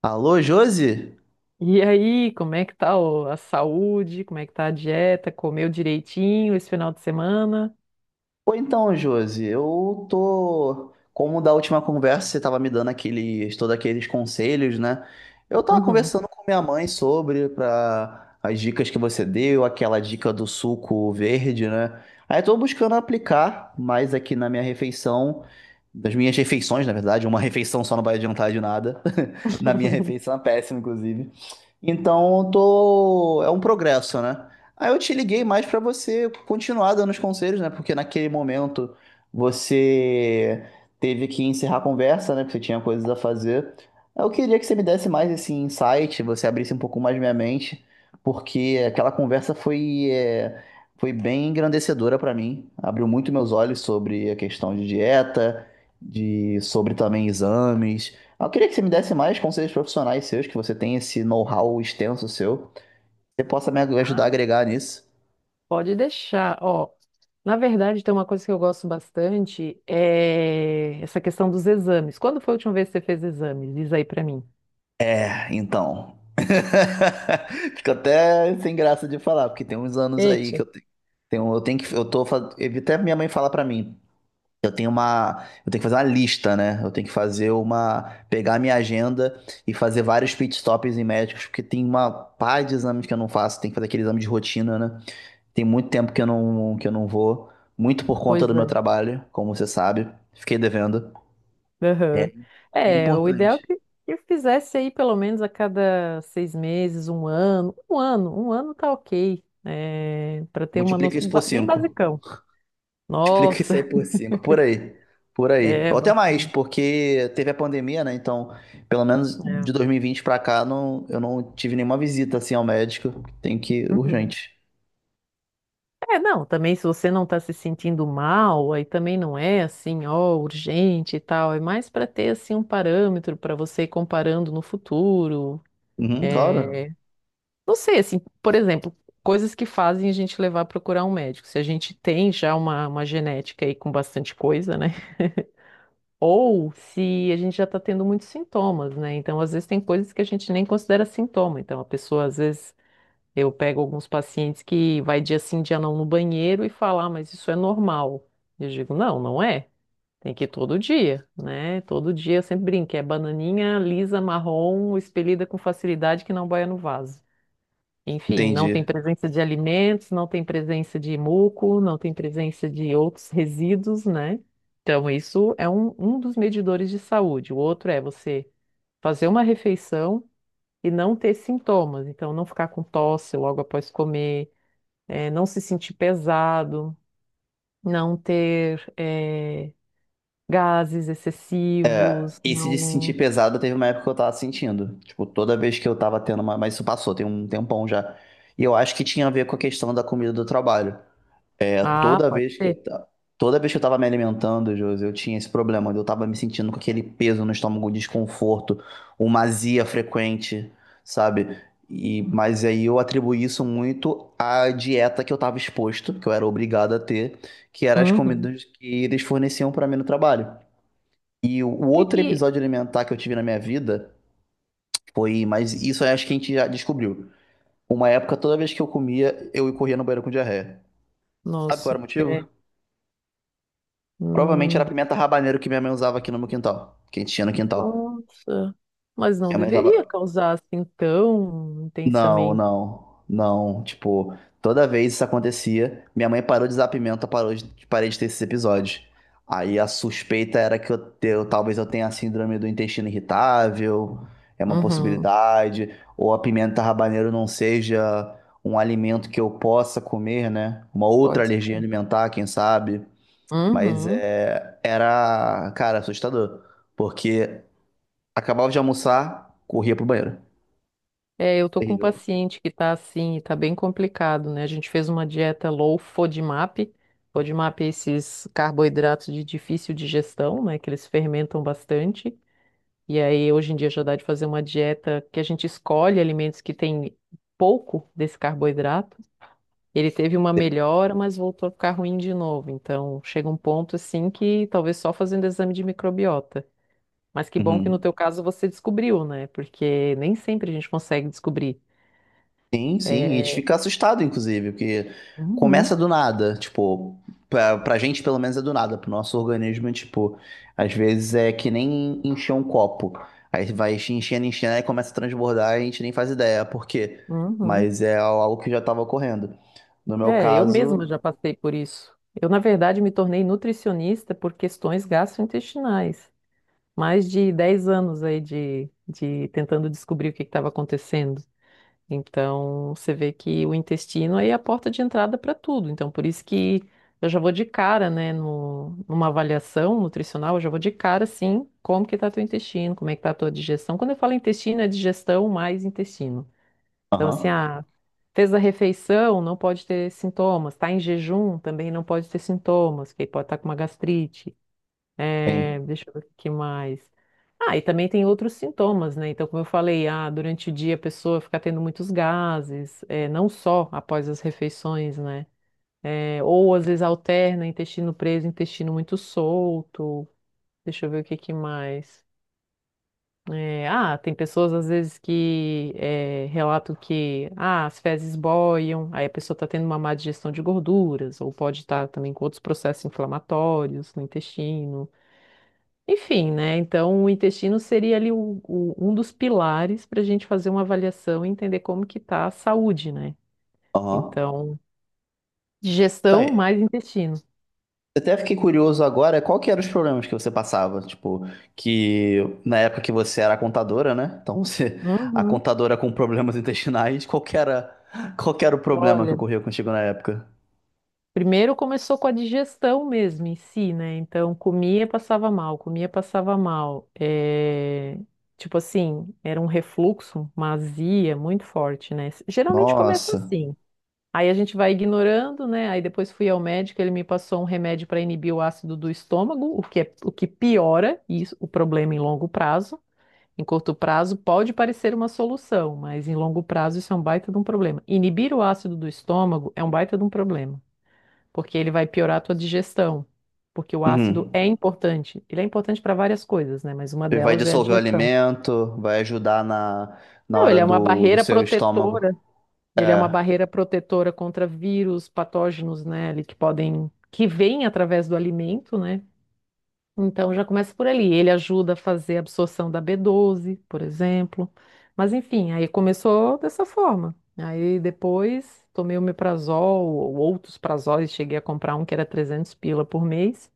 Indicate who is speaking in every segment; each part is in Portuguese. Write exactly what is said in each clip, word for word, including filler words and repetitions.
Speaker 1: Alô, Josi?
Speaker 2: E aí, como é que tá o- a saúde? Como é que tá a dieta? Comeu direitinho esse final de semana?
Speaker 1: Ou então, Josi, eu tô. Como da última conversa você tava me dando aqueles, todos aqueles conselhos, né? Eu tava
Speaker 2: Uhum.
Speaker 1: conversando com minha mãe sobre pra, as dicas que você deu, aquela dica do suco verde, né? Aí eu tô buscando aplicar mais aqui na minha refeição, das minhas refeições, na verdade, uma refeição só não vai adiantar de nada. Na minha refeição é péssima, inclusive. Então, tô... é um progresso, né? Aí eu te liguei mais para você continuar dando os conselhos, né? Porque naquele momento você teve que encerrar a conversa, né? Porque você tinha coisas a fazer. Eu queria que você me desse mais esse insight, você abrisse um pouco mais minha mente, porque aquela conversa foi, é, foi bem engrandecedora para mim. Abriu muito meus olhos sobre a questão de dieta, de sobre também exames. Eu queria que você me desse mais conselhos profissionais seus, que você tem esse know-how extenso seu. Você possa me ajudar a
Speaker 2: Ah,
Speaker 1: agregar nisso.
Speaker 2: pode deixar. Ó, na verdade, tem uma coisa que eu gosto bastante, é essa questão dos exames. Quando foi a última vez que você fez exames? Diz aí pra mim.
Speaker 1: É, então. Fico até sem graça de falar, porque tem uns anos aí que
Speaker 2: Eita,
Speaker 1: eu te- tenho, eu tenho que, eu tô, fa- até minha mãe fala pra mim, eu tenho uma, eu tenho que fazer uma lista, né? Eu tenho que fazer uma, pegar minha agenda e fazer vários pit stops em médicos, porque tem uma pá de exames que eu não faço, tem que fazer aquele exame de rotina, né? Tem muito tempo que eu não, que eu não vou, muito por conta
Speaker 2: pois
Speaker 1: do meu
Speaker 2: é.
Speaker 1: trabalho, como você sabe. Fiquei devendo. É,
Speaker 2: Aham.
Speaker 1: é
Speaker 2: É, o ideal é
Speaker 1: importante.
Speaker 2: que, que eu fizesse aí pelo menos a cada seis meses, um ano. Um ano, um ano tá ok. É, para ter uma
Speaker 1: Multiplica
Speaker 2: noção,
Speaker 1: isso por
Speaker 2: ba- bem
Speaker 1: cinco.
Speaker 2: basicão.
Speaker 1: Multiplica
Speaker 2: Nossa,
Speaker 1: isso aí por cinco. Por aí. Por aí.
Speaker 2: é
Speaker 1: Ou até mais,
Speaker 2: bastante.
Speaker 1: porque teve a pandemia, né? Então, pelo menos de
Speaker 2: É.
Speaker 1: dois mil e vinte pra cá, não, eu não tive nenhuma visita assim ao médico. Tem que ir
Speaker 2: Uhum.
Speaker 1: urgente.
Speaker 2: É, não, também se você não está se sentindo mal, aí também não é assim, ó, urgente e tal. É mais para ter assim um parâmetro para você ir comparando no futuro.
Speaker 1: Uhum, claro.
Speaker 2: É, não sei, assim, por exemplo, coisas que fazem a gente levar a procurar um médico. Se a gente tem já uma, uma genética aí com bastante coisa, né? Ou se a gente já está tendo muitos sintomas, né? Então, às vezes tem coisas que a gente nem considera sintoma. Então, a pessoa às vezes. Eu pego alguns pacientes que vai dia sim, dia não no banheiro e falar, mas isso é normal. Eu digo, não, não é. Tem que ir todo dia, né? Todo dia eu sempre brinco, é bananinha lisa, marrom, expelida com facilidade que não boia no vaso. Enfim, não tem
Speaker 1: Entendi.
Speaker 2: presença de alimentos, não tem presença de muco, não tem presença de outros resíduos, né? Então, isso é um, um dos medidores de saúde. O outro é você fazer uma refeição e não ter sintomas. Então, não ficar com tosse logo após comer, eh, não se sentir pesado, não ter eh, gases excessivos,
Speaker 1: Esse de se sentir
Speaker 2: não.
Speaker 1: pesado teve uma época que eu tava sentindo. Tipo, toda vez que eu tava tendo uma. Mas isso passou, tem um tempão já. E eu acho que tinha a ver com a questão da comida do trabalho. É,
Speaker 2: Ah,
Speaker 1: toda
Speaker 2: pode
Speaker 1: vez que eu,
Speaker 2: ser.
Speaker 1: ta- toda vez que eu tava me alimentando, Josi, eu tinha esse problema. Eu tava me sentindo com aquele peso no estômago, um desconforto, uma azia frequente, sabe? E, mas aí eu atribuí isso muito à dieta que eu tava exposto, que eu era obrigado a ter, que eram as
Speaker 2: Uhum.
Speaker 1: comidas que eles forneciam pra mim no trabalho. E o
Speaker 2: Que
Speaker 1: outro
Speaker 2: que-
Speaker 1: episódio alimentar que eu tive na minha vida foi, mas isso eu acho que a gente já descobriu. Uma época, toda vez que eu comia, eu corria no banheiro com diarreia. Sabe qual era
Speaker 2: Nossa,
Speaker 1: o
Speaker 2: é.
Speaker 1: motivo? Provavelmente era
Speaker 2: hum,
Speaker 1: a
Speaker 2: de-
Speaker 1: pimenta rabaneiro que minha mãe usava aqui no meu quintal, que a gente tinha no quintal.
Speaker 2: Nossa, mas não
Speaker 1: Minha mãe
Speaker 2: deveria
Speaker 1: usava,
Speaker 2: causar assim tão
Speaker 1: não,
Speaker 2: intensamente.
Speaker 1: não, não. Tipo, toda vez isso acontecia, minha mãe parou de usar pimenta, parou de, parei de ter esses episódios. Aí a suspeita era que eu, te- eu- talvez eu tenha a síndrome do intestino irritável, é uma
Speaker 2: Uhum,
Speaker 1: possibilidade, ou a pimenta habanero não seja um alimento que eu possa comer, né? Uma outra
Speaker 2: pode
Speaker 1: alergia
Speaker 2: ser.
Speaker 1: alimentar, quem sabe. Mas
Speaker 2: Uhum.
Speaker 1: é, era, cara, assustador, porque acabava de almoçar, corria pro banheiro.
Speaker 2: É, eu tô com um
Speaker 1: Terrível.
Speaker 2: paciente que tá assim, tá bem complicado, né? A gente fez uma dieta low FODMAP. FODMAP é esses carboidratos de difícil digestão, né? Que eles fermentam bastante. E aí, hoje em dia, já dá de fazer uma dieta que a gente escolhe alimentos que têm pouco desse carboidrato. Ele teve uma melhora, mas voltou a ficar ruim de novo. Então, chega um ponto assim que talvez só fazendo exame de microbiota. Mas que bom que no
Speaker 1: Uhum.
Speaker 2: teu caso você descobriu, né? Porque nem sempre a gente consegue descobrir.
Speaker 1: Sim, sim, a
Speaker 2: É,
Speaker 1: gente fica assustado, inclusive, porque
Speaker 2: uhum,
Speaker 1: começa do nada, tipo, pra, pra gente pelo menos é do nada, pro nosso organismo, é, tipo, às vezes é que nem encher um copo, aí vai enchendo, enchendo, aí começa a transbordar e a gente nem faz ideia por quê,
Speaker 2: uhum.
Speaker 1: mas é algo que já tava ocorrendo. No meu
Speaker 2: É, eu mesma
Speaker 1: caso,
Speaker 2: já passei por isso. Eu, na verdade, me tornei nutricionista por questões gastrointestinais. Mais de dez anos aí de, de tentando descobrir o que estava acontecendo. Então, você vê que o intestino aí é a porta de entrada para tudo. Então, por isso que eu já vou de cara, né, no, numa avaliação nutricional, eu já vou de cara, assim, como que tá teu intestino, como é que tá a tua digestão. Quando eu falo intestino, é digestão mais intestino. Então, assim,
Speaker 1: aham,
Speaker 2: ah, fez a refeição, não pode ter sintomas. Está em jejum, também não pode ter sintomas, porque pode estar com uma gastrite. É,
Speaker 1: sim,
Speaker 2: deixa eu ver o que mais. Ah, e também tem outros sintomas, né? Então, como eu falei, ah, durante o dia a pessoa fica tendo muitos gases, é, não só após as refeições, né? É, ou às vezes alterna intestino preso, intestino muito solto. Deixa eu ver o que que mais. É, ah, tem pessoas às vezes que eh, relatam que ah, as fezes boiam, aí a pessoa está tendo uma má digestão de gorduras, ou pode estar também com outros processos inflamatórios no intestino. Enfim, né? Então, o intestino seria ali o- o- um dos pilares para a gente fazer uma avaliação e entender como que está a saúde, né?
Speaker 1: aham.
Speaker 2: Então,
Speaker 1: Não,
Speaker 2: digestão mais intestino.
Speaker 1: até fiquei curioso agora, qual que eram os problemas que você passava? Tipo, que na época que você era contadora, né? Então, você, a
Speaker 2: Uhum.
Speaker 1: contadora com problemas intestinais, qual que era, qual que era o problema que
Speaker 2: Olha.
Speaker 1: ocorreu contigo na época?
Speaker 2: Primeiro começou com a digestão mesmo em si, né? Então comia, passava mal, comia, passava mal. É, tipo assim, era um refluxo, uma azia muito forte, né? Geralmente começa
Speaker 1: Nossa.
Speaker 2: assim. Aí a gente vai ignorando, né? Aí depois fui ao médico, ele me passou um remédio para inibir o ácido do estômago, o que é, o que piora isso, o problema em longo prazo. Em curto prazo pode parecer uma solução, mas em longo prazo isso é um baita de um problema. Inibir o ácido do estômago é um baita de um problema porque ele vai piorar a tua digestão. Porque o ácido
Speaker 1: Uhum.
Speaker 2: é importante. Ele é importante para várias coisas, né? Mas uma
Speaker 1: Vai
Speaker 2: delas é a
Speaker 1: dissolver o
Speaker 2: digestão.
Speaker 1: alimento, vai ajudar na, na
Speaker 2: Não,
Speaker 1: hora
Speaker 2: ele é uma
Speaker 1: do, do
Speaker 2: barreira
Speaker 1: seu estômago.
Speaker 2: protetora. Ele é
Speaker 1: É,
Speaker 2: uma barreira protetora contra vírus, patógenos, né? Ali que podem, que vêm através do alimento, né? Então já começa por ali. Ele ajuda a fazer a absorção da B doze, por exemplo. Mas enfim, aí começou dessa forma. Aí depois tomei o meprazol ou outros prazóis, cheguei a comprar um que era trezentos pila por mês.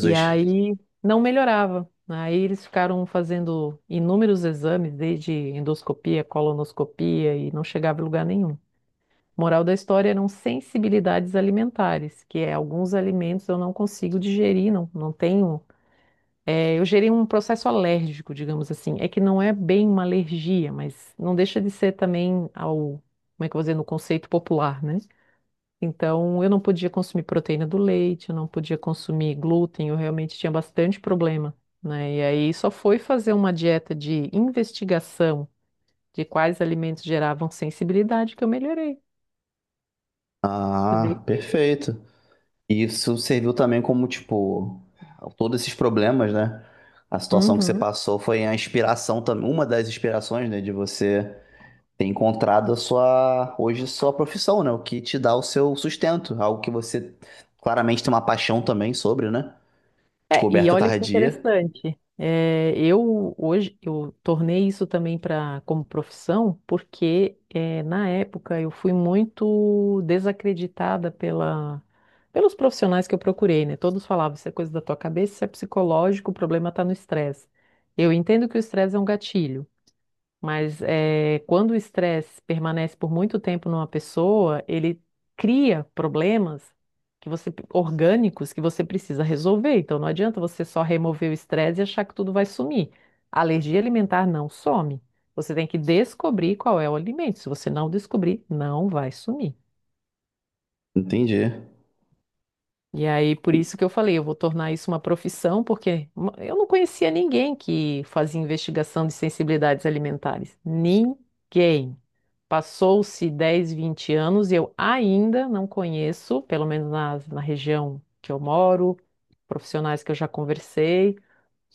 Speaker 2: E aí não melhorava. Aí eles ficaram fazendo inúmeros exames, desde endoscopia, colonoscopia, e não chegava em lugar nenhum. Moral da história eram sensibilidades alimentares, que é alguns alimentos eu não consigo digerir, não, não tenho. É, eu gerei um processo alérgico, digamos assim. É que não é bem uma alergia, mas não deixa de ser também ao, como é que eu vou dizer, no conceito popular, né? Então, eu não podia consumir proteína do leite, eu não podia consumir glúten, eu realmente tinha bastante problema, né? E aí só foi fazer uma dieta de investigação de quais alimentos geravam sensibilidade que eu melhorei. Você vê
Speaker 1: Ah,
Speaker 2: que-
Speaker 1: perfeito. E isso serviu também como, tipo, todos esses problemas, né? A situação que você
Speaker 2: Uhum.
Speaker 1: passou foi a inspiração também, uma das inspirações, né, de você ter encontrado a sua, hoje, sua profissão, né? O que te dá o seu sustento, algo que você claramente tem uma paixão também sobre, né?
Speaker 2: É, e
Speaker 1: Descoberta
Speaker 2: olha que
Speaker 1: tardia.
Speaker 2: interessante. É, eu hoje eu tornei isso também para como profissão, porque é, na época eu fui muito desacreditada pela, pelos profissionais que eu procurei, né? Todos falavam, isso é coisa da tua cabeça, isso é psicológico, o problema está no estresse. Eu entendo que o estresse é um gatilho, mas eh, quando o estresse permanece por muito tempo numa pessoa, ele cria problemas que você, orgânicos que você precisa resolver. Então não adianta você só remover o estresse e achar que tudo vai sumir. A alergia alimentar não some. Você tem que descobrir qual é o alimento. Se você não descobrir, não vai sumir.
Speaker 1: Entendi,
Speaker 2: E aí, por isso que eu falei, eu vou tornar isso uma profissão, porque uma- eu não conhecia ninguém que fazia investigação de sensibilidades alimentares. Ninguém. Passou-se dez, vinte anos e eu ainda não conheço, pelo menos na, na região que eu moro, profissionais que eu já conversei.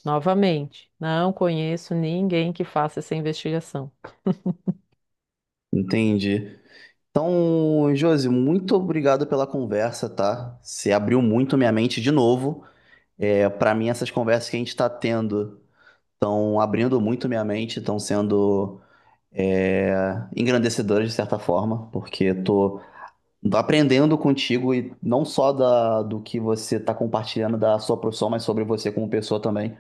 Speaker 2: Novamente, não conheço ninguém que faça essa investigação.
Speaker 1: entendi. Então, Josi, muito obrigado pela conversa, tá? Você abriu muito minha mente de novo. É, para mim, essas conversas que a gente tá tendo estão abrindo muito minha mente, estão sendo é, engrandecedoras de certa forma, porque estou aprendendo contigo e não só da, do que você está compartilhando da sua profissão, mas sobre você como pessoa também.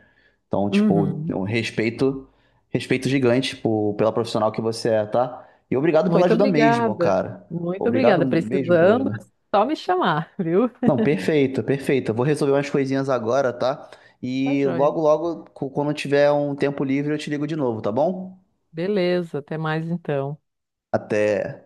Speaker 1: Então, tipo,
Speaker 2: Uhum.
Speaker 1: um respeito, respeito gigante por, pela profissional que você é, tá? E obrigado pela
Speaker 2: Muito
Speaker 1: ajuda mesmo,
Speaker 2: obrigada.
Speaker 1: cara.
Speaker 2: Muito
Speaker 1: Obrigado
Speaker 2: obrigada.
Speaker 1: mesmo pela
Speaker 2: Precisando, é
Speaker 1: ajuda.
Speaker 2: só me chamar, viu?
Speaker 1: Não, perfeito, perfeito. Eu vou resolver umas coisinhas agora, tá?
Speaker 2: Tá
Speaker 1: E
Speaker 2: joia.
Speaker 1: logo, logo, cu- quando eu tiver um tempo livre, eu te ligo de novo, tá bom?
Speaker 2: Beleza, até mais então.
Speaker 1: Até.